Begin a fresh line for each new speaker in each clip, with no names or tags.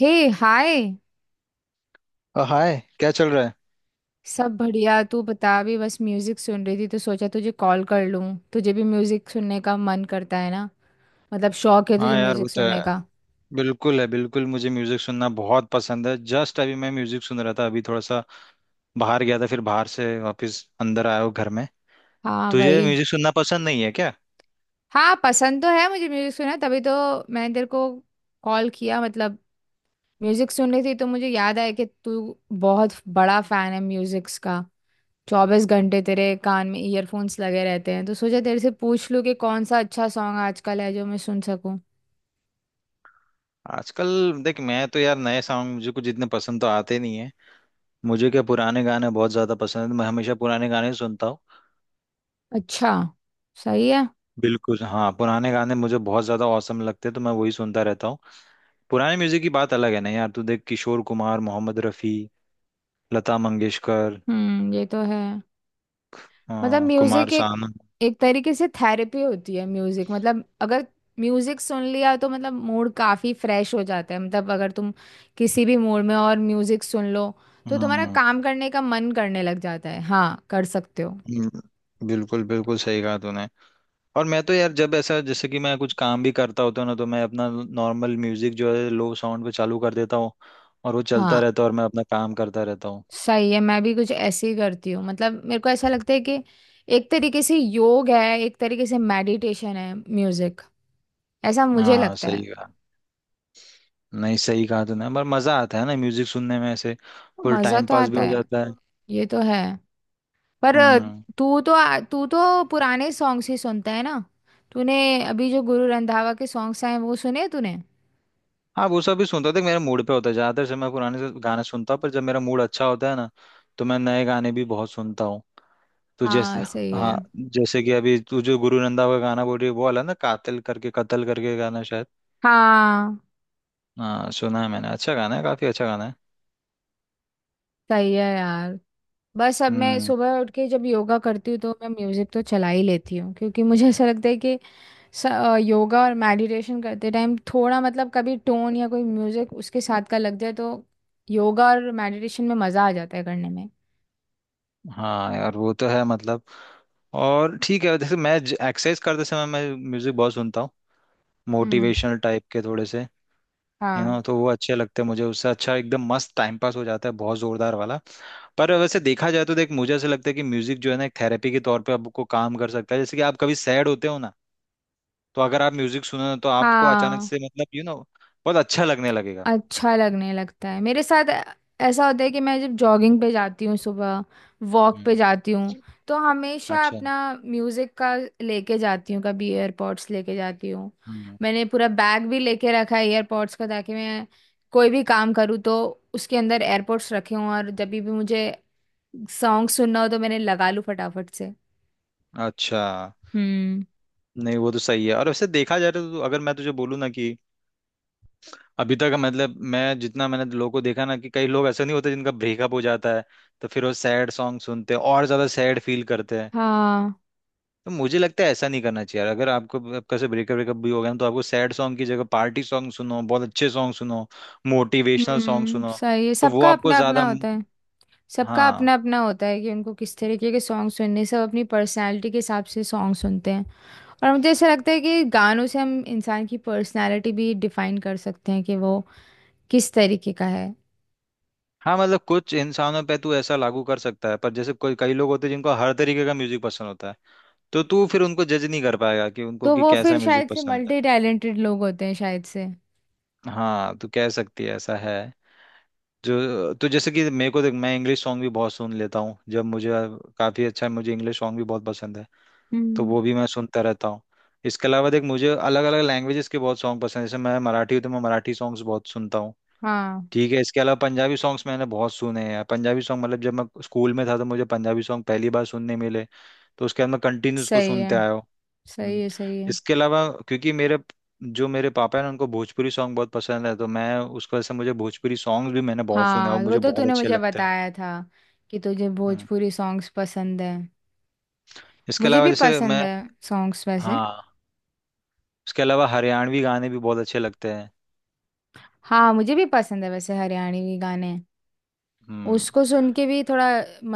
हे। हाय।
हाय क्या चल रहा है।
सब बढ़िया। तू बता, अभी बस म्यूजिक सुन रही थी तो सोचा तुझे कॉल कर लूं। तुझे भी म्यूजिक सुनने का मन करता है ना? मतलब शौक है
हाँ
तुझे
यार वो
म्यूजिक
तो
सुनने
है।
का?
बिल्कुल है। बिल्कुल मुझे म्यूजिक सुनना बहुत पसंद है। जस्ट अभी मैं म्यूजिक सुन रहा था। अभी थोड़ा सा बाहर गया था, फिर बाहर से वापस अंदर आया हूँ घर में।
हाँ
तुझे
वही।
म्यूजिक सुनना पसंद नहीं है क्या?
हाँ, पसंद तो है मुझे म्यूजिक सुनना, तभी तो मैंने तेरे को कॉल किया। मतलब म्यूजिक सुन रही थी तो मुझे याद आया कि तू बहुत बड़ा फैन है म्यूजिक्स का। चौबीस घंटे तेरे कान में ईयरफोन्स लगे रहते हैं, तो सोचा तेरे से पूछ लूं कि कौन सा अच्छा सॉन्ग आजकल है जो मैं सुन सकूं।
आजकल, देख मैं तो यार नए सॉन्ग मुझे कुछ इतने पसंद तो आते नहीं है। मुझे क्या पुराने गाने बहुत ज्यादा पसंद है। मैं हमेशा पुराने गाने ही सुनता हूँ।
अच्छा। सही है।
बिल्कुल, हाँ पुराने गाने मुझे बहुत ज्यादा औसम लगते हैं, तो मैं वही सुनता रहता हूँ। पुराने म्यूजिक की बात अलग है ना यार। तू देख किशोर कुमार, मोहम्मद रफी, लता मंगेशकर।
हम्म, ये तो है। मतलब
हाँ, कुमार
म्यूजिक एक
सानू।
एक तरीके से थेरेपी होती है म्यूजिक। मतलब अगर म्यूजिक सुन लिया तो मतलब मूड काफी फ्रेश हो जाता है। मतलब अगर तुम किसी भी मूड में और म्यूजिक सुन लो तो तुम्हारा
हम्म।
काम करने का मन करने लग जाता है। हाँ, कर सकते हो।
हम्म, बिल्कुल बिल्कुल सही कहा तूने। और मैं तो यार जब ऐसा, जैसे कि मैं कुछ काम भी करता होता हूँ ना, तो मैं अपना नॉर्मल म्यूजिक जो है लो साउंड पे चालू कर देता हूँ, और वो चलता
हाँ
रहता है और मैं अपना काम करता रहता हूँ।
सही है। मैं भी कुछ ऐसे ही करती हूँ। मतलब मेरे को ऐसा लगता है कि एक तरीके से योग है, एक तरीके से मेडिटेशन है म्यूजिक। ऐसा मुझे
हाँ
लगता
सही
है।
कहा। नहीं सही कहा तूने। पर मजा आता है ना म्यूजिक सुनने में ऐसे। फुल
मजा
टाइम
तो
पास भी
आता
हो
है।
जाता है।
ये तो है। पर
हम्म।
तू तो तू तो पुराने सॉन्ग्स ही सुनता है ना? तूने अभी जो गुरु रंधावा के सॉन्ग्स आए हैं, वो सुने तूने?
हाँ वो सब भी सुनता हूँ। देख मेरा मूड पे होता है। ज्यादातर से मैं पुराने से गाने सुनता हूँ, पर जब मेरा मूड अच्छा होता है ना, तो मैं नए गाने भी बहुत सुनता हूँ। तो जैसे,
हाँ सही है।
हाँ जैसे कि अभी तू जो गुरु रंधावा का गाना बोल रही है, वो वाला ना कातिल करके कत्ल करके गाना शायद।
हाँ
हाँ, सुना है मैंने। अच्छा गाना है, काफी अच्छा गाना है।
सही है यार। बस अब मैं
हम्म।
सुबह उठ के जब योगा करती हूँ तो मैं म्यूजिक तो चला ही लेती हूँ, क्योंकि मुझे ऐसा लगता है कि योगा और मेडिटेशन करते टाइम थोड़ा मतलब कभी टोन या कोई म्यूजिक उसके साथ का लग जाए तो योगा और मेडिटेशन में मजा आ जाता है करने में।
हाँ यार वो तो है। मतलब, और ठीक है जैसे मैं एक्सरसाइज करते समय मैं म्यूजिक बहुत सुनता हूँ।
हम्म।
मोटिवेशनल टाइप के थोड़े से, यू नो,
हाँ।
तो वो अच्छे लगते हैं मुझे। उससे अच्छा एकदम मस्त टाइम पास हो जाता है, बहुत जोरदार वाला। पर वैसे देखा जाए तो देख मुझे ऐसा लगता है कि म्यूजिक जो है ना एक थेरेपी के तौर पे आपको काम कर सकता है। जैसे कि आप कभी सैड होते हो ना, तो अगर आप म्यूजिक सुनो तो आपको अचानक
हाँ,
से, मतलब यू नो, बहुत अच्छा लगने लगेगा।
अच्छा लगने लगता है मेरे साथ। ऐसा होता है कि मैं जब जॉगिंग पे जाती हूँ सुबह, वॉक पे
हम्म।
जाती हूँ, तो हमेशा
अच्छा।
अपना म्यूजिक का लेके जाती हूँ, कभी एयरपॉड्स लेके जाती हूँ।
हम्म।
मैंने पूरा बैग भी लेके रखा है एयरपॉड्स का, ताकि मैं कोई भी काम करूँ तो उसके अंदर एयरपॉड्स रखे हों और जब भी मुझे सॉन्ग सुनना हो तो मैंने लगा लूँ फटाफट से।
अच्छा।
हम्म।
नहीं वो तो सही है। और वैसे देखा जाए तो अगर मैं तुझे बोलूँ ना कि अभी तक, मतलब मैं जितना मैंने लोगों को देखा ना कि कई लोग ऐसे नहीं होते जिनका ब्रेकअप हो जाता है, तो फिर वो सैड सॉन्ग सुनते हैं और ज्यादा सैड फील करते हैं।
हाँ।
तो मुझे लगता है ऐसा नहीं करना चाहिए यार। अगर आपको आपका से ब्रेकअप ब्रेकअप भी हो गया ना, तो आपको सैड सॉन्ग की जगह पार्टी सॉन्ग सुनो, बहुत अच्छे सॉन्ग सुनो, मोटिवेशनल सॉन्ग सुनो।
सही है,
तो वो
सबका
आपको
अपना अपना
ज्यादा।
होता है। सबका
हाँ।
अपना अपना होता है कि उनको किस तरीके के सॉन्ग सुनने हैं। सब अपनी पर्सनालिटी के हिसाब से सॉन्ग सुनते हैं। और मुझे ऐसा लगता है कि गानों से हम इंसान की पर्सनालिटी भी डिफाइन कर सकते हैं कि वो किस तरीके का है।
हाँ मतलब कुछ इंसानों पे तू ऐसा लागू कर सकता है, पर जैसे कोई कई लोग होते हैं जिनको हर तरीके का म्यूजिक पसंद होता है, तो तू फिर उनको जज नहीं कर पाएगा कि उनको
तो
कि
वो
कैसा
फिर
म्यूजिक
शायद से
पसंद है।
मल्टी टैलेंटेड लोग होते हैं शायद से।
हाँ तू कह सकती है ऐसा है। जो तो जैसे कि मेरे को देख मैं इंग्लिश सॉन्ग भी बहुत सुन लेता हूँ। जब मुझे काफी अच्छा, मुझे इंग्लिश सॉन्ग भी बहुत पसंद है, तो
हम्म।
वो भी मैं सुनता रहता हूँ। इसके अलावा देख मुझे अलग अलग लैंग्वेजेस के बहुत सॉन्ग पसंद है। जैसे मैं मराठी हूँ, तो मैं मराठी सॉन्ग्स बहुत सुनता हूँ।
हाँ
ठीक है, इसके अलावा पंजाबी सॉन्ग्स मैंने बहुत सुने हैं। पंजाबी सॉन्ग, मतलब जब मैं स्कूल में था तो मुझे पंजाबी सॉन्ग पहली बार सुनने मिले, तो उसके बाद मैं कंटिन्यू उसको
सही है।
सुनते आया हूँ।
सही
हम्म।
है सही है।
इसके अलावा क्योंकि मेरे, जो मेरे पापा हैं ना उनको भोजपुरी सॉन्ग बहुत पसंद है, तो मैं उसकी वजह से, मुझे भोजपुरी सॉन्ग भी मैंने बहुत सुना है, और
हाँ वो
मुझे
तो
बहुत
तूने
अच्छे
मुझे
लगते हैं।
बताया था कि तुझे
हम्म।
भोजपुरी सॉन्ग्स पसंद है।
इसके
मुझे
अलावा
भी
जैसे
पसंद
मैं,
है सॉन्ग्स वैसे।
हाँ इसके अलावा हरियाणवी गाने भी बहुत अच्छे लगते हैं।
हाँ मुझे भी पसंद है वैसे हरियाणवी गाने।
हम्म।
उसको सुन के भी थोड़ा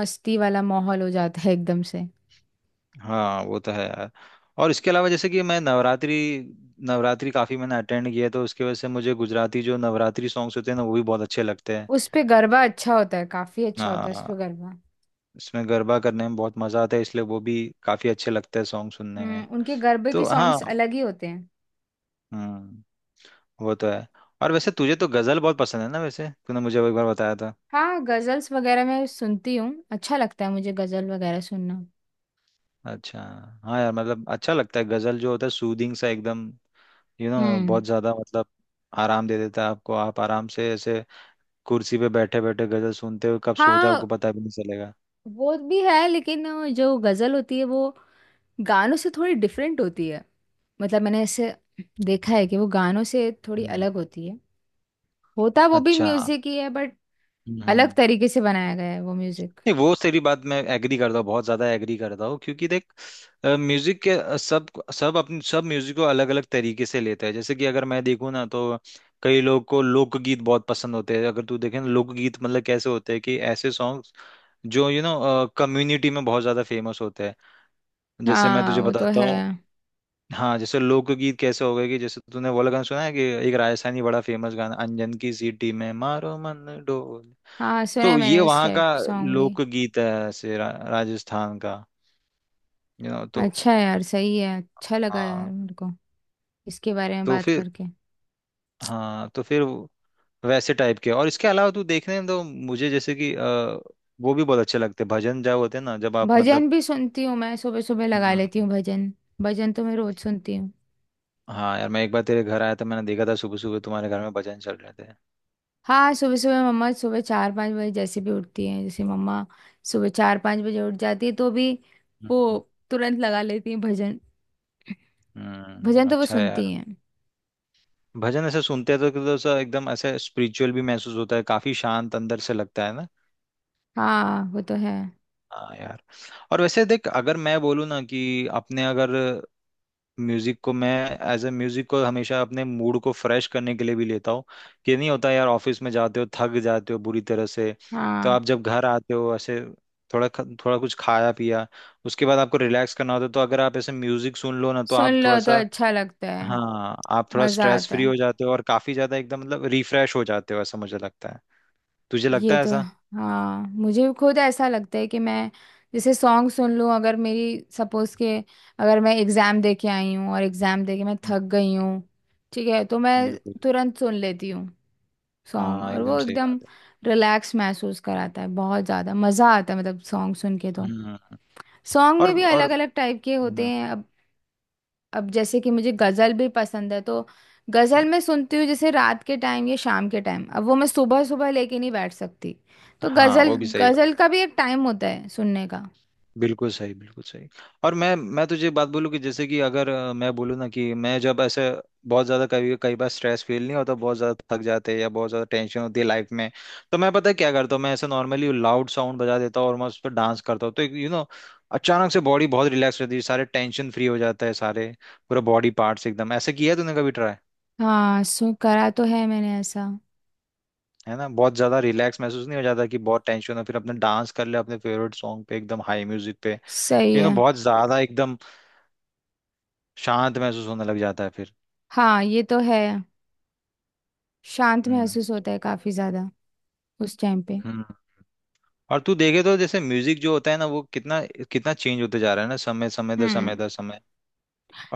मस्ती वाला माहौल हो जाता है एकदम से।
हाँ वो तो है यार। और इसके अलावा जैसे कि मैं नवरात्रि, नवरात्रि काफी मैंने अटेंड किया है, तो उसकी वजह से मुझे गुजराती जो नवरात्रि सॉन्ग्स होते हैं ना, वो भी बहुत अच्छे लगते हैं।
उस पे गरबा अच्छा होता है, काफी अच्छा होता है उस पे
हाँ,
गरबा।
इसमें गरबा करने में बहुत मजा आता है, इसलिए वो भी काफी अच्छे लगते हैं सॉन्ग सुनने
हम्म,
में।
उनके गरबे के
तो हाँ।
सॉन्ग्स अलग ही होते हैं।
हम्म। वो तो है। और वैसे तुझे तो गजल बहुत पसंद है ना, वैसे तूने मुझे वो एक बार बताया था।
हाँ गजल्स वगैरह मैं सुनती हूँ, अच्छा लगता है मुझे गजल वगैरह सुनना।
अच्छा, हाँ यार मतलब अच्छा लगता है। गजल जो होता है सूदिंग सा एकदम। यू you नो know,
हम्म।
बहुत ज्यादा मतलब आराम दे देता है आपको। आप आराम से ऐसे कुर्सी पे बैठे बैठे गजल सुनते हुए कब सो जाओ
हाँ
आपको पता भी नहीं चलेगा।
वो भी है, लेकिन जो गजल होती है वो गानों से थोड़ी डिफरेंट होती है। मतलब मैंने ऐसे देखा है कि वो गानों से थोड़ी
हम्म।
अलग होती है। होता वो भी
अच्छा।
म्यूजिक ही है, बट अलग
हम्म।
तरीके से बनाया गया है वो म्यूजिक।
नहीं वो तेरी बात मैं एग्री करता हूँ, बहुत ज्यादा एग्री करता हूँ। क्योंकि देख म्यूजिक के सब, सब अपने सब म्यूजिक को अलग अलग तरीके से लेते हैं। जैसे कि अगर मैं देखूँ ना, तो कई लोग को लोकगीत बहुत पसंद होते हैं। अगर तू देखे ना, लोकगीत मतलब कैसे होते हैं कि ऐसे सॉन्ग्स जो यू नो कम्युनिटी में बहुत ज्यादा फेमस होते हैं। जैसे मैं
हाँ
तुझे
वो तो
बताता
है।
हूँ। हाँ, जैसे लोकगीत कैसे हो गए कि जैसे तूने वो वाला गाना सुना है कि एक राजस्थानी बड़ा फेमस गाना, अंजन की सीटी में मारो मन डोल।
हाँ सुना है
तो ये
मैंने, उस
वहाँ का
टाइप सॉन्ग भी।
लोकगीत है ऐसे, राजस्थान का, यू नो। तो
अच्छा है यार। सही है। अच्छा लगा यार
हाँ
मेरे को इसके बारे में
तो
बात
फिर,
करके।
हाँ तो फिर वैसे टाइप के। और इसके अलावा तू देखने में तो मुझे जैसे कि वो भी बहुत अच्छे लगते हैं भजन। जब होते हैं ना, जब आप मतलब।
भजन भी सुनती हूँ मैं, सुबह सुबह लगा
हम्म,
लेती हूँ भजन। भजन तो मैं रोज सुनती हूँ।
हाँ यार मैं एक बार तेरे घर आया था, मैंने देखा था सुबह सुबह तुम्हारे घर में भजन चल रहे थे।
हाँ सुबह सुबह मम्मा, सुबह चार पाँच बजे जैसे भी उठती हैं, जैसे मम्मा सुबह चार पाँच बजे उठ जाती है तो भी वो
हम्म।
तुरंत लगा लेती हैं भजन। भजन तो वो
अच्छा है
सुनती
यार।
हैं।
भजन ऐसे सुनते हैं तो ऐसा एकदम ऐसे स्पिरिचुअल भी महसूस होता है, काफी शांत अंदर से लगता है ना।
हाँ वो तो है।
हाँ यार। और वैसे देख अगर मैं बोलूँ ना कि अपने अगर म्यूजिक को मैं एज ए म्यूजिक को हमेशा अपने मूड को फ्रेश करने के लिए भी लेता हूँ। कि नहीं होता यार, ऑफिस में जाते हो, थक जाते हो बुरी तरह से, तो
हाँ,
आप जब घर आते हो ऐसे, थोड़ा थोड़ा कुछ खाया पिया, उसके बाद आपको रिलैक्स करना होता है। तो अगर आप ऐसे म्यूजिक सुन लो ना, तो
सुन
आप
लो
थोड़ा
तो
सा,
अच्छा लगता है।
हाँ आप थोड़ा
मज़ा
स्ट्रेस
आता
फ्री
है।
हो जाते हो और काफी ज्यादा एकदम मतलब रिफ्रेश हो जाते हो, ऐसा मुझे लगता है। तुझे लगता
ये
है
तो।
ऐसा?
हाँ मुझे खुद ऐसा लगता है कि मैं जैसे सॉन्ग सुन लूँ। अगर मेरी सपोज के, अगर मैं एग्ज़ाम दे के आई हूँ और एग्ज़ाम दे के मैं
हम्म,
थक गई हूँ, ठीक है, तो मैं
बिल्कुल।
तुरंत सुन लेती हूँ सॉन्ग,
हाँ
और
एकदम
वो
सही
एकदम
बात है।
रिलैक्स महसूस कराता है। बहुत ज़्यादा मज़ा आता है मतलब सॉन्ग सुन के तो।
हम्म।
सॉन्ग
और
में भी
और
अलग अलग टाइप के होते
हम्म,
हैं। अब जैसे कि मुझे गज़ल भी पसंद है तो गज़ल मैं सुनती हूँ जैसे रात के टाइम या शाम के टाइम। अब वो मैं सुबह सुबह लेके नहीं बैठ सकती। तो
हाँ
गज़ल,
वो भी सही।
गज़ल का भी एक टाइम होता है सुनने का।
बिल्कुल सही, बिल्कुल सही। और मैं तुझे बात बोलूँ कि जैसे कि अगर मैं बोलूँ ना कि मैं जब ऐसे बहुत ज़्यादा कभी कई बार स्ट्रेस फील नहीं होता, बहुत ज़्यादा थक जाते हैं या बहुत ज़्यादा टेंशन होती है लाइफ में, तो मैं पता है क्या करता हूँ, मैं ऐसे नॉर्मली लाउड साउंड बजा देता हूँ और मैं उस पर डांस करता हूँ। तो यू नो, अचानक से बॉडी बहुत रिलैक्स रहती है, सारे टेंशन फ्री हो जाता है, सारे पूरा बॉडी पार्ट्स एकदम ऐसे। किया है तूने कभी ट्राई?
हाँ सु करा तो है मैंने ऐसा।
है ना बहुत ज़्यादा रिलैक्स महसूस नहीं हो जाता, कि बहुत टेंशन हो फिर अपने डांस कर ले अपने फेवरेट सॉन्ग पे एकदम हाई म्यूजिक पे,
सही
यू नो।
है।
बहुत ज़्यादा एकदम शांत महसूस होने लग जाता है फिर।
हाँ ये तो है। शांत
हम्म।
महसूस होता है काफ़ी ज़्यादा उस टाइम पे।
हम्म। और तू देखे तो जैसे म्यूजिक जो होता है ना, वो कितना कितना चेंज होते जा रहा है ना, समय समय दर समय
हम्म।
दर समय।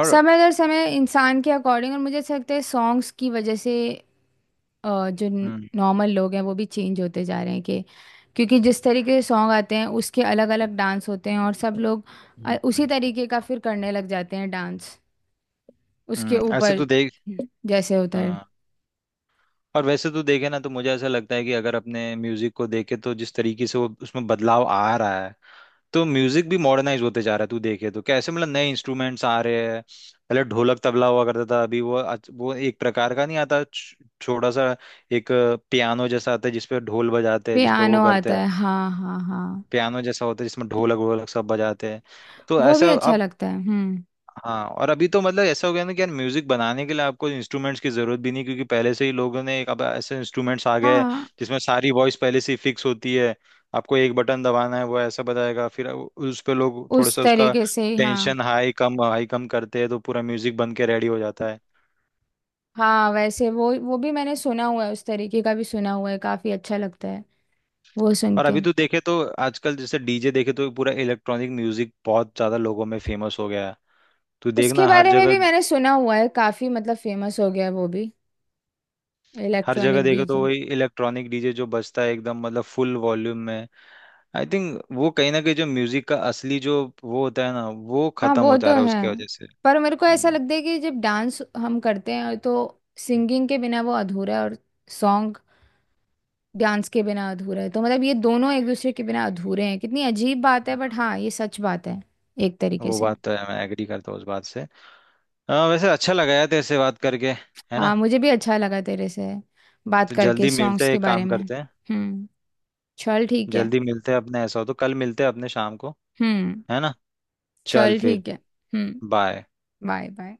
और,
समय दर समय इंसान के अकॉर्डिंग। और मुझे ऐसा लगता है सॉन्ग्स की वजह से जो
हम्म।
नॉर्मल लोग हैं वो भी चेंज होते जा रहे हैं कि, क्योंकि जिस तरीके के सॉन्ग आते हैं उसके अलग अलग डांस होते हैं और सब लोग
हम्म।
उसी
हम्म।
तरीके का फिर करने लग जाते हैं डांस उसके
ऐसे
ऊपर,
तू देख।
जैसे होता है।
हाँ। और वैसे तू देखे ना, तो मुझे ऐसा लगता है कि अगर अपने म्यूजिक को देखे, तो जिस तरीके से वो उसमें बदलाव आ रहा है, तो म्यूजिक भी मॉडर्नाइज होते जा रहा है। तू देखे तो कैसे मतलब नए इंस्ट्रूमेंट्स आ रहे हैं। पहले ढोलक तबला हुआ करता था, अभी वो वो एक प्रकार का नहीं आता, छोटा सा एक पियानो जैसा आता है जिसपे ढोल बजाते हैं, जिसपे वो
पियानो
करते
आता
हैं।
है, हाँ हाँ हाँ।
पियानो जैसा होता है जिसमें ढोलक वोलक सब बजाते हैं। तो
वो भी
ऐसा
अच्छा
अब,
लगता है। हम्म।
हाँ। और अभी तो मतलब ऐसा हो गया ना कि यार म्यूजिक बनाने के लिए आपको इंस्ट्रूमेंट्स की जरूरत भी नहीं, क्योंकि पहले से ही लोगों ने एक, अब ऐसे इंस्ट्रूमेंट्स आ गए हैं
हाँ
जिसमें सारी वॉइस पहले से ही फिक्स होती है। आपको एक बटन दबाना है, वो ऐसा बताएगा, फिर उस पे लोग थोड़ा
उस
सा उसका
तरीके से, हाँ
टेंशन हाई कम करते हैं, तो पूरा म्यूजिक बन के रेडी हो जाता है।
हाँ। वैसे वो भी मैंने सुना हुआ है, उस तरीके का भी सुना हुआ है, काफी अच्छा लगता है वो सुन
और
के।
अभी तो देखे तो आजकल जैसे डीजे देखे तो पूरा इलेक्ट्रॉनिक म्यूजिक बहुत ज्यादा लोगों में फेमस हो गया है। तो
उसके
देखना हर
बारे में
जगह,
भी मैंने सुना हुआ है, काफी मतलब फेमस हो गया है वो भी,
हर जगह
इलेक्ट्रॉनिक
देखे तो
डीजे।
वही इलेक्ट्रॉनिक डीजे जो बजता है एकदम मतलब फुल वॉल्यूम में। आई थिंक वो कहीं ना कहीं जो म्यूजिक का असली जो वो होता है ना, वो
हाँ
खत्म हो
वो
जा
तो
रहा है
है।
उसकी वजह से।
पर मेरे को ऐसा
हम्म,
लगता है कि जब डांस हम करते हैं तो सिंगिंग के बिना वो अधूरा है, और सॉन्ग डांस के बिना अधूरा है। तो मतलब ये दोनों एक दूसरे के बिना अधूरे हैं। कितनी अजीब बात है, बट
हम्म,
हाँ, ये सच बात है, एक तरीके
वो
से।
बात तो है, मैं एग्री करता हूँ उस बात से। हाँ वैसे अच्छा लगा यार तेरे से बात करके, है ना।
हाँ मुझे भी अच्छा लगा तेरे से बात
तो
करके
जल्दी मिलते
सॉन्ग्स
हैं,
के
एक
बारे
काम
में।
करते हैं,
हम्म। चल ठीक है।
जल्दी मिलते हैं अपने। ऐसा हो तो कल मिलते हैं अपने शाम को,
हम्म।
है ना। चल
चल
फिर,
ठीक है। हम्म।
बाय।
बाय। बाय